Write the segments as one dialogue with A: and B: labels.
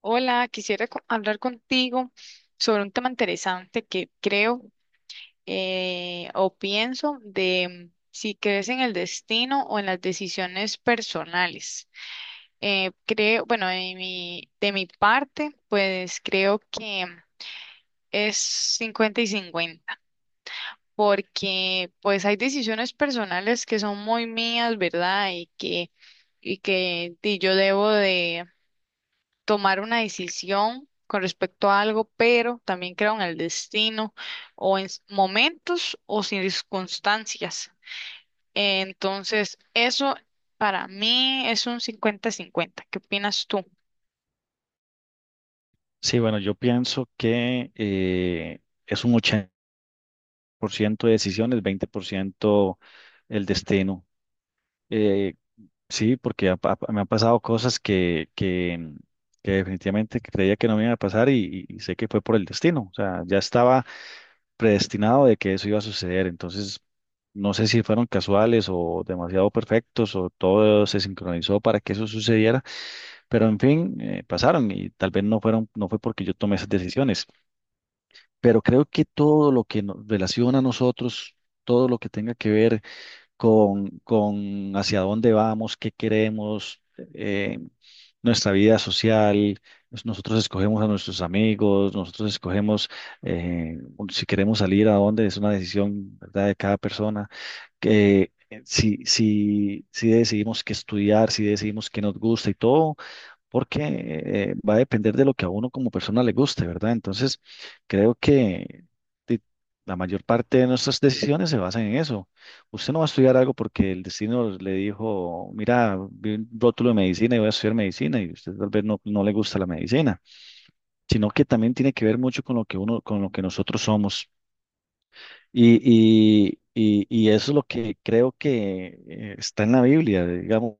A: Hola, quisiera hablar contigo sobre un tema interesante que creo o pienso de si crees en el destino o en las decisiones personales. Creo, bueno, de mi parte, pues creo que es 50 y 50, porque pues hay decisiones personales que son muy mías, ¿verdad? Y yo debo de tomar una decisión con respecto a algo, pero también creo en el destino o en momentos o circunstancias. Entonces, eso para mí es un 50-50. ¿Qué opinas tú?
B: Sí, bueno, yo pienso que es un 80% de decisiones, 20% el destino. Eh, sí, porque me han pasado cosas que definitivamente creía que no me iban a pasar y sé que fue por el destino. O sea, ya estaba predestinado de que eso iba a suceder. Entonces, no sé si fueron casuales o demasiado perfectos o todo se sincronizó para que eso sucediera, pero en fin, pasaron y tal vez no fueron, no fue porque yo tomé esas decisiones. Pero creo que todo lo que nos relaciona a nosotros, todo lo que tenga que ver con hacia dónde vamos, qué queremos, eh, nuestra vida social, nosotros escogemos a nuestros amigos, nosotros escogemos, eh, si queremos salir a dónde, es una decisión, ¿verdad?, de cada persona. Que, si decidimos qué estudiar, si decidimos qué nos gusta y todo porque va a depender de lo que a uno como persona le guste, ¿verdad? Entonces, creo que di- la mayor parte de nuestras decisiones se basan en eso. Usted no va a estudiar algo porque el destino le dijo, mira, vi un rótulo de medicina y voy a estudiar medicina y usted tal vez no, no le gusta la medicina, sino que también tiene que ver mucho con lo que uno, con lo que nosotros somos. Y, y eso es lo que creo que, está en la Biblia, digamos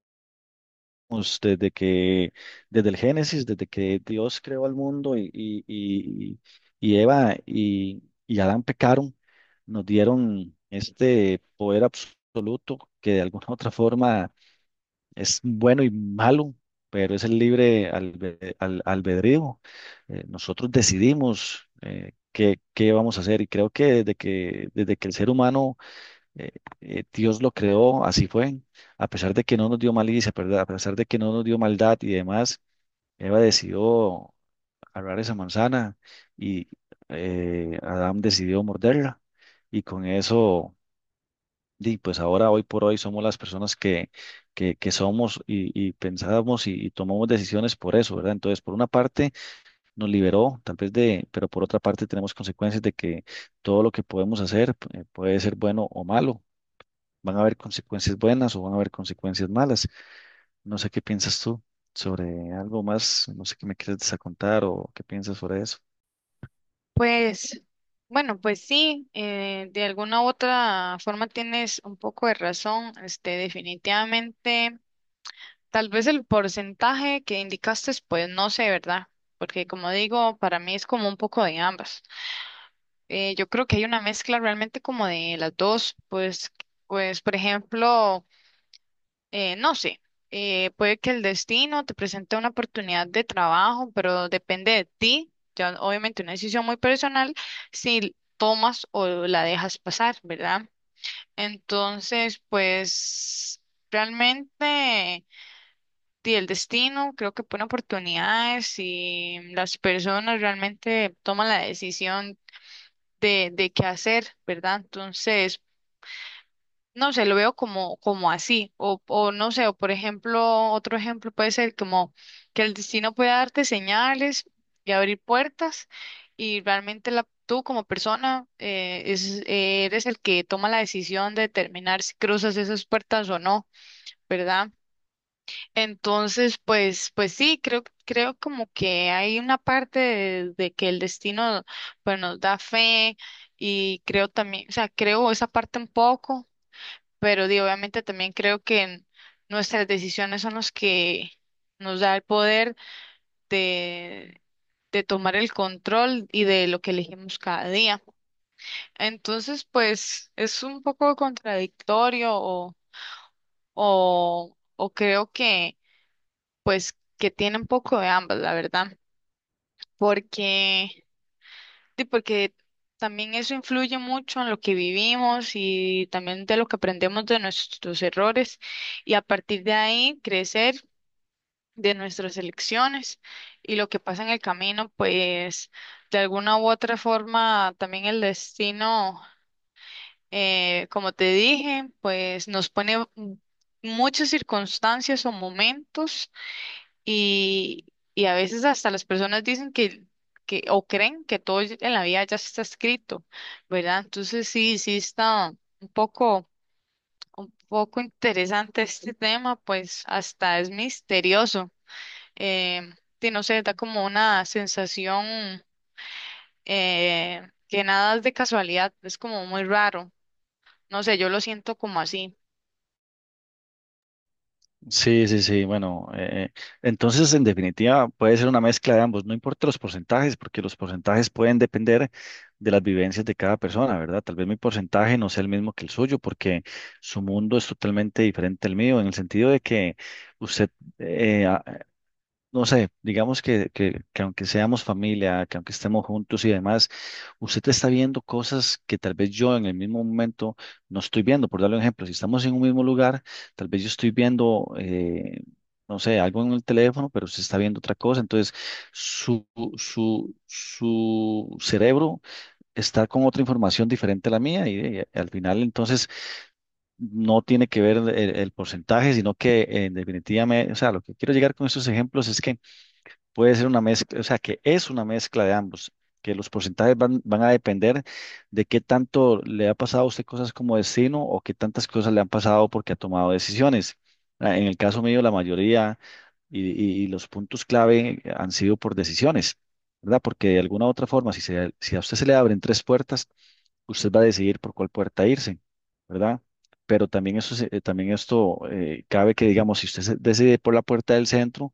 B: desde que, desde el Génesis, desde que Dios creó al mundo y Eva y Adán pecaron, nos dieron este poder absoluto que de alguna u otra forma es bueno y malo, pero es el libre albedrío. Nosotros decidimos, qué vamos a hacer y creo que desde que el ser humano, eh, Dios lo creó, así fue. A pesar de que no nos dio malicia, ¿verdad? A pesar de que no nos dio maldad y demás, Eva decidió agarrar esa manzana y Adán decidió morderla. Y con eso, di, pues ahora, hoy por hoy, somos las personas que somos y pensamos y tomamos decisiones por eso, ¿verdad? Entonces, por una parte, nos liberó, tal vez de, pero por otra parte, tenemos consecuencias de que todo lo que podemos hacer, puede ser bueno o malo, van a haber consecuencias buenas o van a haber consecuencias malas. No sé qué piensas tú sobre algo más, no sé qué me quieres desacontar o qué piensas sobre eso.
A: Pues, bueno, pues sí, de alguna u otra forma tienes un poco de razón. Este, definitivamente, tal vez el porcentaje que indicaste, pues no sé, ¿verdad? Porque como digo, para mí es como un poco de ambas. Yo creo que hay una mezcla realmente como de las dos, pues, pues por ejemplo, no sé, puede que el destino te presente una oportunidad de trabajo, pero depende de ti, ya obviamente una decisión muy personal, si tomas o la dejas pasar, ¿verdad? Entonces, pues realmente sí, el destino creo que pone oportunidades y las personas realmente toman la decisión de qué hacer, ¿verdad? Entonces, no sé, lo veo como, como así, o no sé, o por ejemplo, otro ejemplo puede ser como que el destino puede darte señales y abrir puertas y realmente la, tú como persona es, eres el que toma la decisión de determinar si cruzas esas puertas o no, ¿verdad? Entonces, pues, pues sí, creo, creo como que hay una parte de que el destino, pues, nos da fe y creo también, o sea, creo esa parte un poco, pero di, obviamente también creo que nuestras decisiones son los que nos da el poder de, de tomar el control y de lo que elegimos cada día. Entonces, pues, es un poco contradictorio o creo que pues que tiene un poco de ambas, la verdad, porque, sí, porque también eso influye mucho en lo que vivimos y también de lo que aprendemos de nuestros errores y a partir de ahí crecer de nuestras elecciones y lo que pasa en el camino, pues de alguna u otra forma también el destino, como te dije, pues nos pone muchas circunstancias o momentos. Y, y a veces hasta las personas dicen que o creen que todo en la vida ya está escrito, ¿verdad? Entonces sí, sí está un poco, un poco interesante este tema, pues hasta es misterioso. Eh, sí, no sé, da como una sensación que nada es de casualidad, es como muy raro. No sé, yo lo siento como así.
B: Sí, sí, sí, bueno, entonces en definitiva puede ser una mezcla de ambos, no importa los porcentajes, porque los porcentajes pueden depender de las vivencias de cada persona, ¿verdad? Tal vez mi porcentaje no sea el mismo que el suyo, porque su mundo es totalmente diferente al mío, en el sentido de que usted, eh, a- no sé, digamos que aunque seamos familia, que aunque estemos juntos y demás, usted está viendo cosas que tal vez yo en el mismo momento no estoy viendo. Por darle un ejemplo, si estamos en un mismo lugar, tal vez yo estoy viendo, no sé, algo en el teléfono, pero usted está viendo otra cosa. Entonces, su, su cerebro está con otra información diferente a la mía y, al final entonces no tiene que ver el porcentaje, sino que en definitiva, o sea, lo que quiero llegar con estos ejemplos es que puede ser una mezcla, o sea, que es una mezcla de ambos, que los porcentajes van a depender de qué tanto le ha pasado a usted cosas como destino o qué tantas cosas le han pasado porque ha tomado decisiones. Ah, en el caso mío, la mayoría y, y los puntos clave han sido por decisiones, ¿verdad? Porque de alguna u otra forma, si a usted se le abren 3 puertas, usted va a decidir por cuál puerta irse, ¿verdad? Pero también, también esto, cabe que, digamos, si usted se decide por la puerta del centro,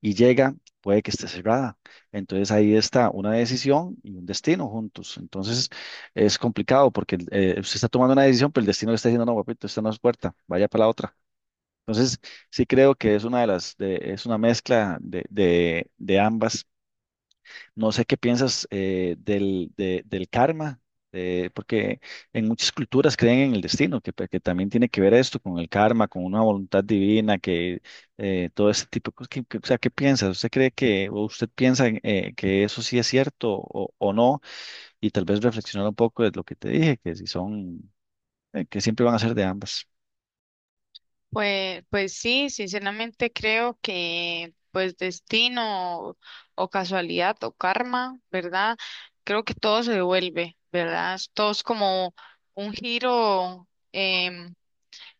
B: y llega, puede que esté cerrada. Entonces ahí está una decisión y un destino juntos. Entonces es complicado porque, usted está tomando una decisión, pero el destino le está diciendo, no, papito, esta no es puerta, vaya para la otra. Entonces sí creo que es una de es una mezcla de ambas. No sé qué piensas, del karma, porque en muchas culturas creen en el destino, que también tiene que ver esto con el karma, con una voluntad divina, que, todo ese tipo de cosas. O sea, ¿qué piensas? ¿Usted cree que, o usted piensa en, que eso sí es cierto o no? Y tal vez reflexionar un poco de lo que te dije, que si son, que siempre van a ser de ambas.
A: Pues, pues sí, sinceramente creo que pues destino o casualidad o karma, ¿verdad? Creo que todo se devuelve, ¿verdad? Todo es como un giro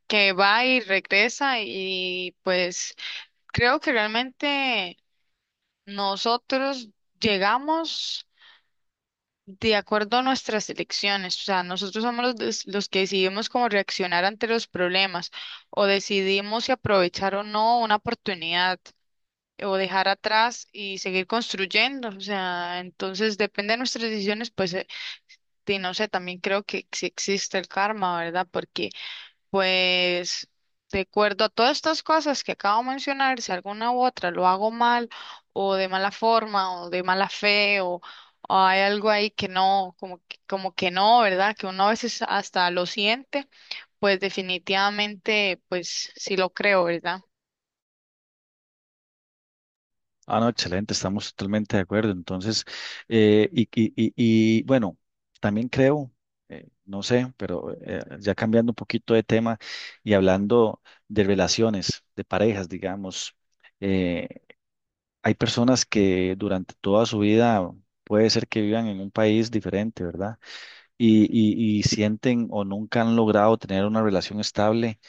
A: que va y regresa y pues creo que realmente nosotros llegamos de acuerdo a nuestras elecciones, o sea, nosotros somos los, los que decidimos cómo reaccionar ante los problemas o decidimos si aprovechar o no una oportunidad o dejar atrás y seguir construyendo, o sea, entonces depende de nuestras decisiones, pues, y no sé, también creo que sí existe el karma, ¿verdad? Porque pues de acuerdo a todas estas cosas que acabo de mencionar, si alguna u otra lo hago mal o de mala forma o de mala fe o hay algo ahí que no, como que no, ¿verdad? Que uno a veces hasta lo siente, pues definitivamente, pues sí lo creo, ¿verdad?
B: Ah, no, excelente, estamos totalmente de acuerdo. Entonces, y, bueno, también creo, no sé, pero ya cambiando un poquito de tema y hablando de relaciones, de parejas, digamos, eh, hay personas que durante toda su vida puede ser que vivan en un país diferente, ¿verdad? Y sienten o nunca han logrado tener una relación estable,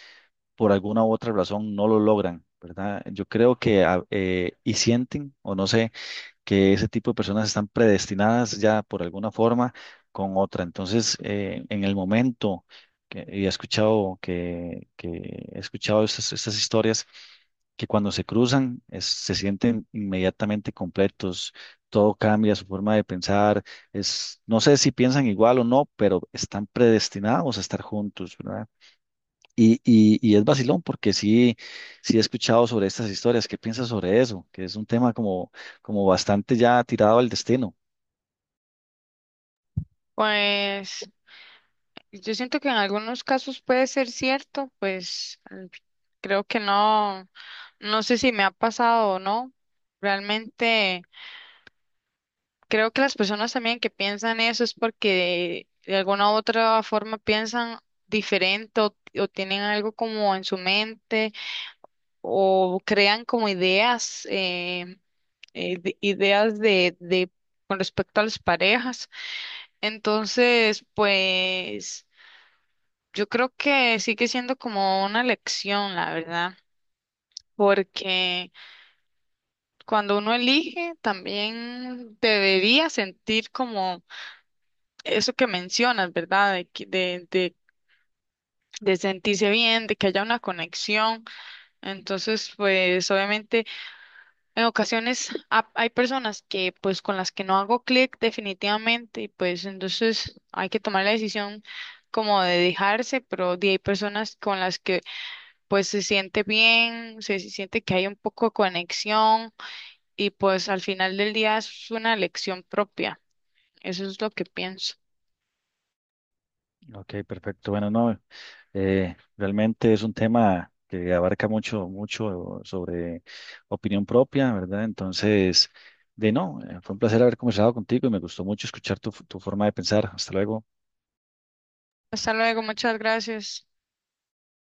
B: por alguna u otra razón no lo logran, ¿verdad? Yo creo que, y sienten, o no sé que ese tipo de personas están predestinadas ya por alguna forma con otra. Entonces, en el momento que he escuchado estas historias que cuando se cruzan se sienten inmediatamente completos. Todo cambia, su forma de pensar, es, no sé si piensan igual o no, pero están predestinados a estar juntos, ¿verdad? Y es vacilón porque sí, sí he escuchado sobre estas historias. ¿Qué piensas sobre eso? Que es un tema como, como bastante ya tirado al destino.
A: Pues yo siento que en algunos casos puede ser cierto, pues creo que no, no sé si me ha pasado o no. Realmente... Creo que las personas también que piensan eso es porque de alguna u otra forma piensan diferente o tienen algo como en su mente o crean como ideas, ideas de con respecto a las parejas. Entonces, pues yo creo que sigue siendo como una lección, la verdad, porque cuando uno elige también debería sentir como eso que mencionas, ¿verdad? De, de sentirse bien, de que haya una conexión. Entonces, pues obviamente en ocasiones hay personas que pues con las que no hago clic definitivamente y pues entonces hay que tomar la decisión como de dejarse, pero hay personas con las que pues se siente bien, se siente que hay un poco de conexión y pues al final del día es una elección propia. Eso es lo que pienso.
B: Ok, perfecto. Bueno, no, realmente es un tema que abarca mucho, mucho sobre opinión propia, ¿verdad? Entonces, de no, fue un placer haber conversado contigo y me gustó mucho escuchar tu forma de pensar. Hasta luego.
A: Hasta luego, muchas gracias.